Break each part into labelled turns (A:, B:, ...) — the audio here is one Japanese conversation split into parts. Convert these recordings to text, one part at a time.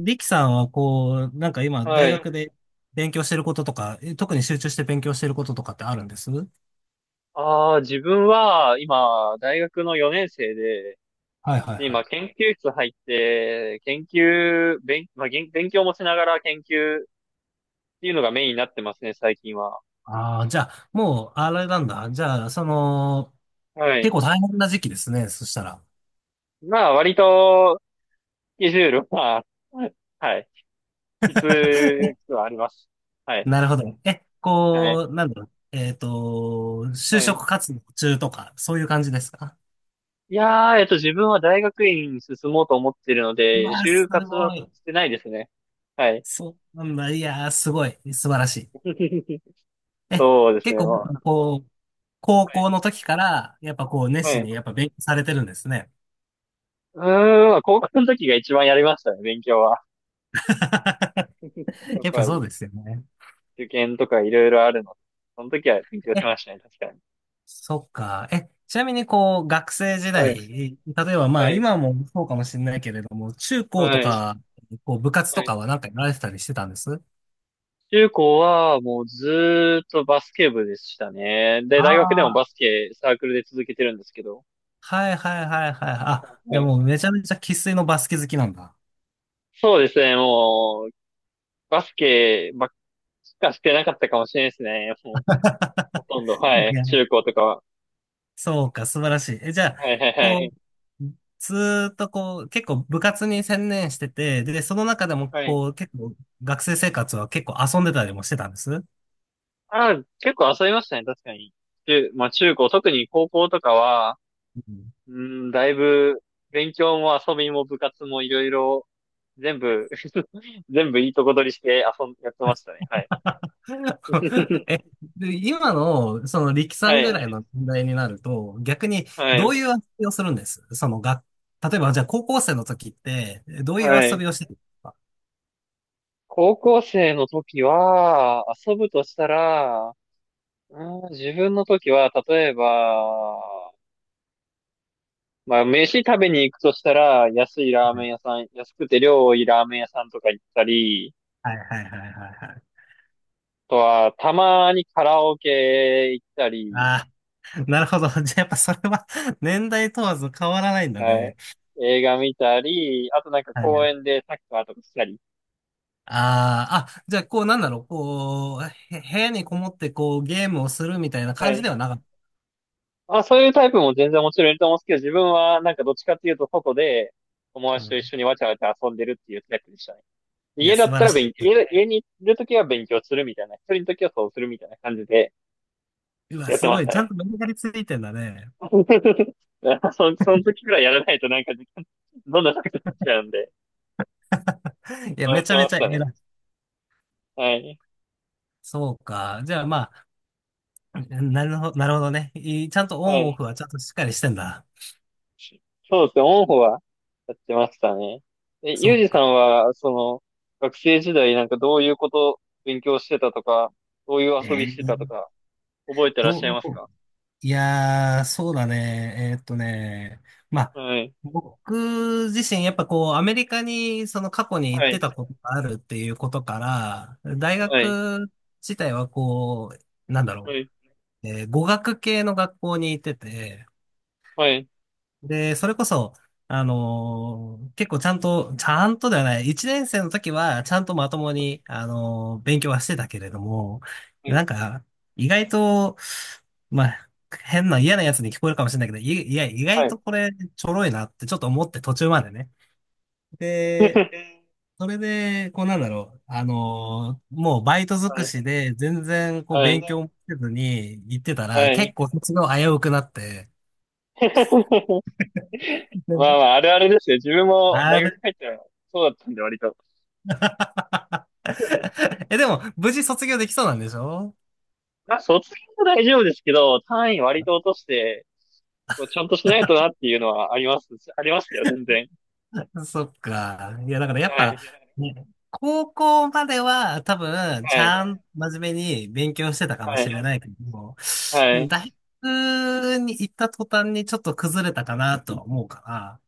A: リキさんはこう、なんか今、
B: は
A: 大
B: い。
A: 学で勉強してることとか、特に集中して勉強してることとかってあるんです？はい。
B: ああ、自分は今、大学の4年生で、
A: はい
B: で
A: は
B: 今、
A: い。
B: 研究室入って、研究、勉、まあ、勉強もしながら研究っていうのがメインになってますね、最近は。
A: ああ、じゃあ、もう、あれなんだ。じゃあ、その、
B: は
A: 結
B: い。
A: 構大変な時期ですね。そしたら。
B: まあ、割と、スケジュールは、はい。きつくはあります。はい。
A: なるほど。
B: はい。
A: こう、なんだろう。就
B: はい。
A: 職活動中とか、そういう感じですか？
B: いやー、自分は大学院に進もうと思ってるの
A: う
B: で、
A: わー、す
B: 就活は
A: ごい。
B: してないですね。はい。
A: そうなんだ。いやー、すごい。素晴らしい。え、
B: そうです
A: 結
B: ね。
A: 構、
B: は
A: こう、高
B: い
A: 校の時から、やっぱこう、熱
B: は
A: 心
B: い。
A: にやっぱ勉強されてるんですね。
B: うーん、まあ高校の時が一番やりましたね、勉強は。やっ
A: やっぱ
B: ぱ
A: そう
B: り、
A: ですよね。
B: 受験とかいろいろあるので。その時は勉強し
A: え、
B: ましたね、確かに。
A: そっか。ちなみにこう、学生時
B: はい。
A: 代、例えばま
B: は
A: あ
B: い。
A: 今もそうかもしれないけれども、中高と
B: はい。
A: か、こう部活
B: は
A: と
B: い。
A: かはなんかやられてたりしてたんです？
B: 中高はもうずーっとバスケ部でしたね。で、
A: あ
B: 大学でも
A: あー、
B: バスケサークルで続けてるんですけど。
A: はいはいはいはい。あ、じゃあ
B: ね、
A: もうめちゃめちゃ生粋のバスケ好きなんだ。
B: そうですね、もう、バスケばっかしてなかったかもしれないですね。もう、ほとんど、は
A: い
B: い。
A: や、
B: 中高とかは。
A: そうか、素晴らしい。じゃ
B: はい
A: あ、
B: はいは
A: こ
B: い。
A: う、ずーっとこう、結構部活に専念してて、で、その中でも
B: はい。
A: こう、結構学生生活は結構遊んでたりもしてたんです。
B: ああ、結構遊びましたね、確かに。まあ中高、特に高校とかは、
A: うん。
B: うん、だいぶ、勉強も遊びも部活もいろいろ、全部 全部いいとこ取りしてやってましたね。はい。
A: え、で、今の、その、力さ
B: は
A: んぐらい
B: い。
A: の年代になると、逆に、
B: は
A: どういう
B: い。
A: 遊びをするんです例えば、じゃあ、高校生の時って、どういう
B: は
A: 遊
B: い。
A: びをしてたんですか？
B: 高校生の時は、遊ぶとしたら、うん、自分の時は、例えば、まあ、飯食べに行くとしたら、安いラーメン屋さん、安くて量多いラーメン屋さんとか行ったり、
A: はいはいはいはいはい。
B: とは、たまにカラオケ行ったり、
A: ああ、なるほど。じゃあ、やっぱそれは 年代問わず変わらないんだ
B: は
A: ね。
B: い。映画見たり、あとなんか
A: は
B: 公
A: い。
B: 園でサッカーとかしたり。
A: あーあ、じゃあ、こう、なんだろう、こう、部屋にこもって、こう、ゲームをするみたいな
B: は
A: 感じでは
B: い。
A: なかっ
B: あ、そういうタイプも全然もちろんいると思うんですけど、自分はなんかどっちかっていうと外で友
A: た。う
B: 達と
A: ん。
B: 一緒にわちゃわちゃ遊んでるっていうタイプでしたね。
A: いや、
B: 家だ
A: 素
B: っ
A: 晴
B: た
A: ら
B: ら
A: し
B: 勉強、家にいるときは勉強するみたいな、一人のときはそうするみたいな感じで
A: い。うわ、
B: やって
A: す
B: ま
A: ご
B: し
A: い。
B: た
A: ちゃん
B: ね。
A: とメリハリついてんだね。
B: その時くらいやらないとなんか時間、どんどんなくなっちゃうんで、
A: いや、
B: そうや
A: め
B: っ
A: ち
B: て
A: ゃめ
B: ま
A: ち
B: し
A: ゃ
B: たね。
A: 偉い。
B: はい。
A: そうか。じゃあまあ、なるほど、なるほどね。ちゃんとオ
B: は
A: ンオ
B: い。
A: フはちゃんとしっかりしてんだ。
B: そうですね、オンホはやってましたね。
A: そ
B: ユー
A: う
B: ジさ
A: か。
B: んは、学生時代なんかどういうこと勉強してたとか、どういう
A: え
B: 遊びしてたと
A: ー
B: か、覚えてらっしゃい
A: ど
B: ます
A: う、
B: か？
A: いやー、そうだね。まあ、
B: はい。
A: 僕自身、やっぱこう、アメリカにその過去に行っ
B: は
A: て
B: い。
A: たことがあるっていうことから、大
B: はい。
A: 学自体はこう、なんだろ
B: はい。
A: う、語学系の学校に行ってて、
B: はい。
A: で、それこそ、結構ちゃんと、ちゃんとではない、一年生の時はちゃんとまともに、勉強はしてたけれども、なんか、意外と、まあ、変な嫌なやつに聞こえるかもしれないけど、いや、意
B: は
A: 外
B: い。
A: とこれちょろいなってちょっと思って途中までね。で、それで、こうなんだろう、もうバイト尽
B: は
A: く
B: い。
A: しで全然こう
B: は
A: 勉強
B: い。
A: もせずに行ってたら、
B: はい。は
A: 結
B: い。
A: 構卒業危うくなって、
B: まあまあ、あるあるですよ。自分も
A: あ
B: 大学
A: れ
B: 入ったらそうだったんで、割と。
A: でも、無事卒業できそうなんでしょ？
B: まあ、卒業は大丈夫ですけど、単位割と落として、こうちゃんとしないとなっていうのはあります。ありましたよ、全然。
A: そっか。いや、だからやっ
B: は
A: ぱ、
B: い。
A: ね、高校までは多分、ち
B: はい。
A: ゃん、真面目に勉強してたかも
B: は
A: し
B: い。
A: れないけども、
B: はい。
A: 大学に行った途端にちょっと崩れたかなとは思うから、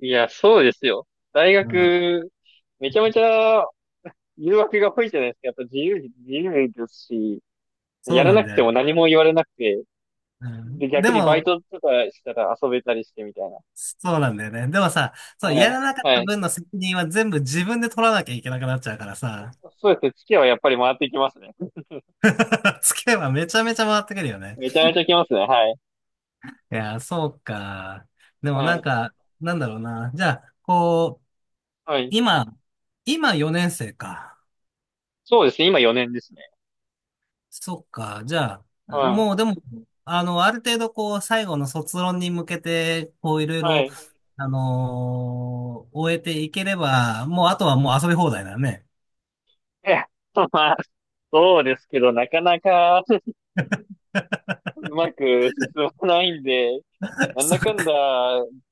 B: いや、そうですよ。大
A: うん、
B: 学、めちゃめちゃ誘惑が多いじゃないですか。やっぱ自由、自由ですし、
A: そ
B: や
A: う
B: ら
A: な
B: な
A: ん
B: く
A: だ
B: て
A: よ
B: も
A: ね。
B: 何も言われなくて、
A: うん、
B: で、
A: で
B: 逆にバイ
A: も、
B: トとかしたら遊べたりしてみたいな。
A: そうなんだよね。でもさ、そう、
B: は
A: や
B: い。
A: らなかった
B: はい。
A: 分の責任は全部自分で取らなきゃいけなくなっちゃうからさ、
B: そうですね。月はやっぱり回ってきますね。
A: つけばめちゃめちゃ回ってくるよね。
B: めちゃめちゃきますね。はい。
A: いやー、そうか。でも
B: は
A: なん
B: い。
A: か、なんだろうな。じゃあ、こう、
B: はい。
A: 今、今、4年生か。
B: そうですね。今4年ですね。
A: そっか。じゃあ、
B: は
A: もうでも、ある程度こう、最後の卒論に向けて、こう、いろい
B: い。は
A: ろ、
B: い。
A: 終えていければ、もうあとはもう遊び放題だね。
B: え、まあ、そうですけど、なかなか、うまく進まないんで、なん
A: そっ
B: だかんだ、
A: か。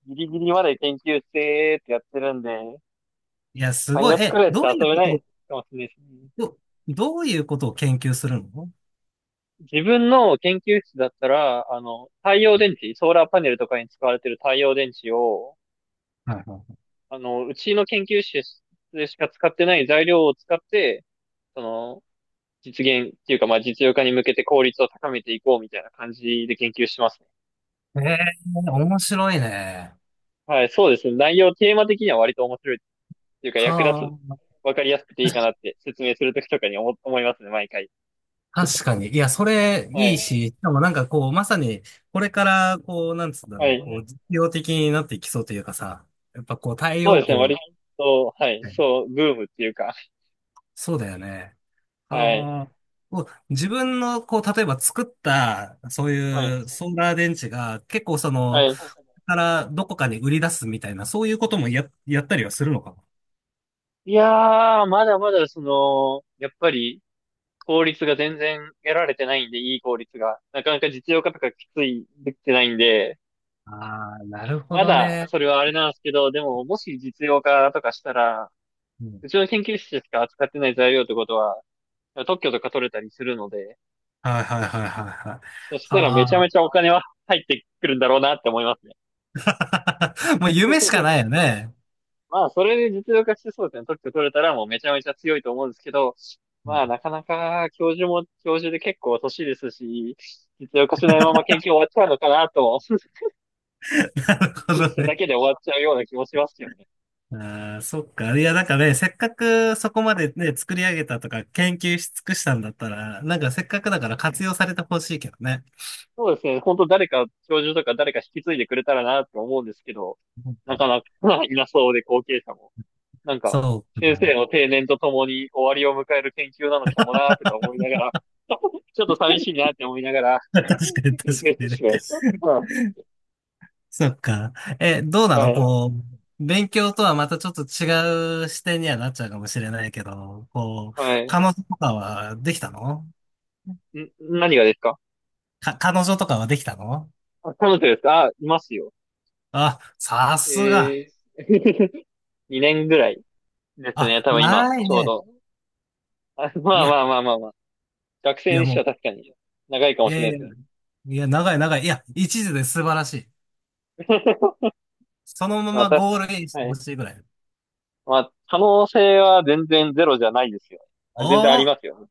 B: ギリギリまで研究してってやってるんで、
A: いや、す
B: 3
A: ごい。
B: 月く
A: え、
B: らいって
A: どう
B: 遊
A: いう
B: べ
A: こ
B: な
A: と
B: い
A: を、
B: かもしれないですね。
A: ど、どういうことを研究するの？
B: 自分の研究室だったら、太陽電池、ソーラーパネルとかに使われてる太陽電池を、
A: はいは
B: うちの研究室でしか使ってない材料を使って、その、実現っていうか、まあ、実用化に向けて効率を高めていこうみたいな感じで研究してますね。
A: い。ええー面白いね。
B: はい、そうですね。内容、テーマ的には割と面白いっていうか、役立つ
A: はあ。
B: わかりやすくていいかなって説明するときとかに思いますね、毎回。
A: 確かに。いや、それ
B: は
A: いい
B: い。
A: し、しかもなんかこう、まさに、これから、こう、なんつうんだ
B: は
A: ろう、こう、
B: い。
A: 実用的になっていきそうというかさ、やっぱこう、太
B: そう
A: 陽
B: ですね、割
A: 光、
B: と、はい、
A: ね、
B: そう、ブームっていうか、
A: そうだよね。
B: はい。
A: ああ、こう自分の、こう、例えば作った、そう
B: はい。
A: いうソーラー電池が、結構そ
B: は
A: の、
B: い。
A: からどこかに売り出すみたいな、そういうこともやったりはするのかな。
B: いやー、まだまだやっぱり効率が全然得られてないんで、いい効率が。なかなか実用化とかきつい、できてないんで、
A: ああ、なるほ
B: ま
A: ど
B: だ
A: ね。
B: それはあれなんですけど、でももし実用化とかしたら、
A: うん。
B: うちの研究室しか扱ってない材料ってことは、特許とか取れたりするので、
A: はいはいはいはいはい。
B: そしたらめちゃ
A: は
B: め
A: あ。
B: ちゃお金は入ってくるんだろうなって思いますね。
A: もう夢しかないよ ね。
B: まあ、それで実用化してそうですね。特許取れたらもうめちゃめちゃ強いと思うんですけど、まあ、なかなか教授も教授で結構年ですし、実用化しないまま研究終わっちゃうのかなと、
A: なるほ
B: 研究し
A: ど
B: てだ
A: ね。
B: けで終わっちゃうような気もしますよね。
A: ああ、そっか。いや、なんかね、せっかくそこまでね、作り上げたとか、研究し尽くしたんだったら、なんかせっかくだから活用されてほしいけどね。
B: そうですね。本当誰か、教授とか誰か引き継いでくれたらなと思うんですけど、
A: う
B: なか
A: ん。
B: なかいなそうで後継者も。なんか、
A: そう
B: 先生
A: か
B: の定年とともに終わりを迎える研究なのかもなーとか思いながら、ちょっと寂しいなって思いながら、
A: な。確かに、
B: 研
A: 確か
B: 究室
A: に
B: し
A: ね。
B: てます。うん。
A: そっか。どうな
B: は
A: の、
B: い。
A: こう、勉強とはまたちょっと違う視点にはなっちゃうかもしれないけど、こう、
B: はい。
A: 彼女とかはできたの？
B: ん、何がですか？
A: 彼女とかはできたの？
B: あ、彼女ですか？あ、いますよ。
A: あ、さすが。
B: えー、2年ぐらいです
A: あ、
B: ね。多分今、
A: ない
B: ちょう
A: ね。
B: ど。あ、ま
A: い
B: あ
A: や、
B: まあまあまあまあ。学
A: い
B: 生
A: や
B: にし
A: も
B: て
A: う、
B: は確かに長いかも
A: い
B: しれ
A: や
B: な
A: い
B: いで
A: や、
B: すね。
A: いや、長い長い。いや、一時で素晴らしい。そのま
B: まあ、
A: ま
B: 確
A: ゴ
B: か
A: ール
B: に。
A: インして
B: は
A: ほ
B: い。
A: しいぐらい。
B: まあ、可能性は全然ゼロじゃないですよ。
A: お
B: あ、全然あり
A: ー、
B: ますよ。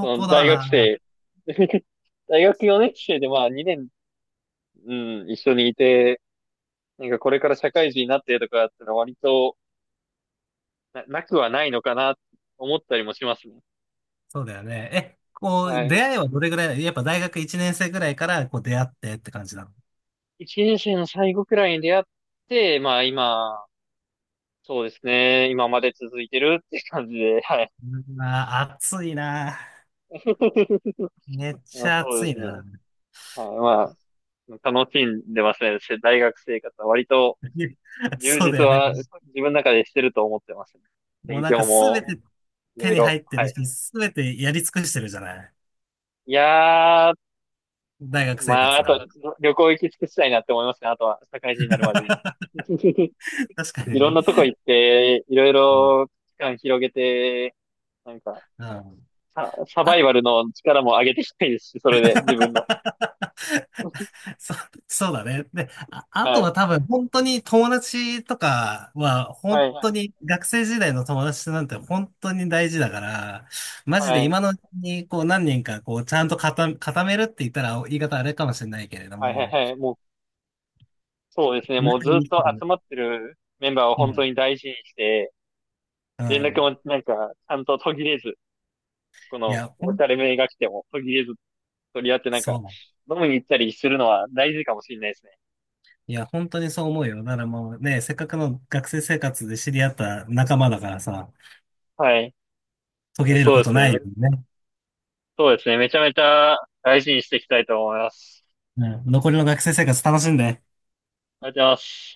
B: その
A: だ
B: 大学
A: な。
B: 生、大学4年生でまあ2年、うん、一緒にいて、なんかこれから社会人になってとかだったら割となくはないのかな、思ったりもしますね。
A: そうだよね。こう、
B: はい。
A: 出会いはどれぐらいやっぱ大学1年生ぐらいから、こう、出会ってって感じなの？
B: 1年生の最後くらいに出会って、まあ今、そうですね。今まで続いてるって感じで、はい。
A: うん。あー、暑いな。めっ
B: ま
A: ち
B: あ、
A: ゃ
B: そう
A: 暑
B: で
A: い
B: すね。
A: な。
B: はい。まあ、楽しんでますね。大学生活は割と 充
A: そう
B: 実
A: だよね。
B: は自分の中でしてると思ってます、ね。
A: もう
B: 勉
A: なんか
B: 強
A: すべ
B: も
A: て
B: い
A: 手
B: ろい
A: に入
B: ろ、
A: って
B: は
A: る
B: い。
A: し、すべてやり尽くしてるじゃない。
B: いやー、
A: 大学生
B: まあ、あ
A: 活。
B: と、旅行行き尽くしたいなって思いますね。あとは、社会人になるまでに。
A: 確か
B: い
A: に
B: ろん
A: ね。
B: なとこ行って、いろい
A: うん。
B: ろ期間広げて、なんか、
A: うん
B: サバイバルの力も上げていきたいですし、それで、自分の。
A: そ、そうだね。で、あ
B: は
A: と
B: い。
A: は多分本当に友達とかは
B: は
A: 本
B: い。は
A: 当
B: い。
A: に学生時代の友達なんて本当に大事だから、マジで
B: はい。
A: 今のうちにこう何人かこうちゃんと固めるって言ったら言い方あれかもしれないけれど
B: はい。
A: も、
B: はい。もう、そうですね。もう
A: 仲
B: ず
A: い
B: っ
A: い
B: と
A: 人も。
B: 集まってるメンバーを
A: う
B: 本当
A: ん、
B: に大事にして、
A: う
B: 連絡
A: ん。
B: もなんか、ちゃんと途切れず、こ
A: い
B: の、
A: や、
B: おしゃれめが来ても途切れず取り合ってなん
A: そ
B: か、
A: う。
B: 飲みに行ったりするのは大事かもしれないですね。
A: いや、本当にそう思うよ。ならもうね、せっかくの学生生活で知り合った仲間だからさ、
B: はい。
A: 途切れる
B: そ
A: こ
B: うで
A: と
B: すね。
A: ないよね。
B: そうですね。めちゃめちゃ大事にしていきたいと思います。
A: うん、残りの学生生活楽しんで。
B: ありがとうございます。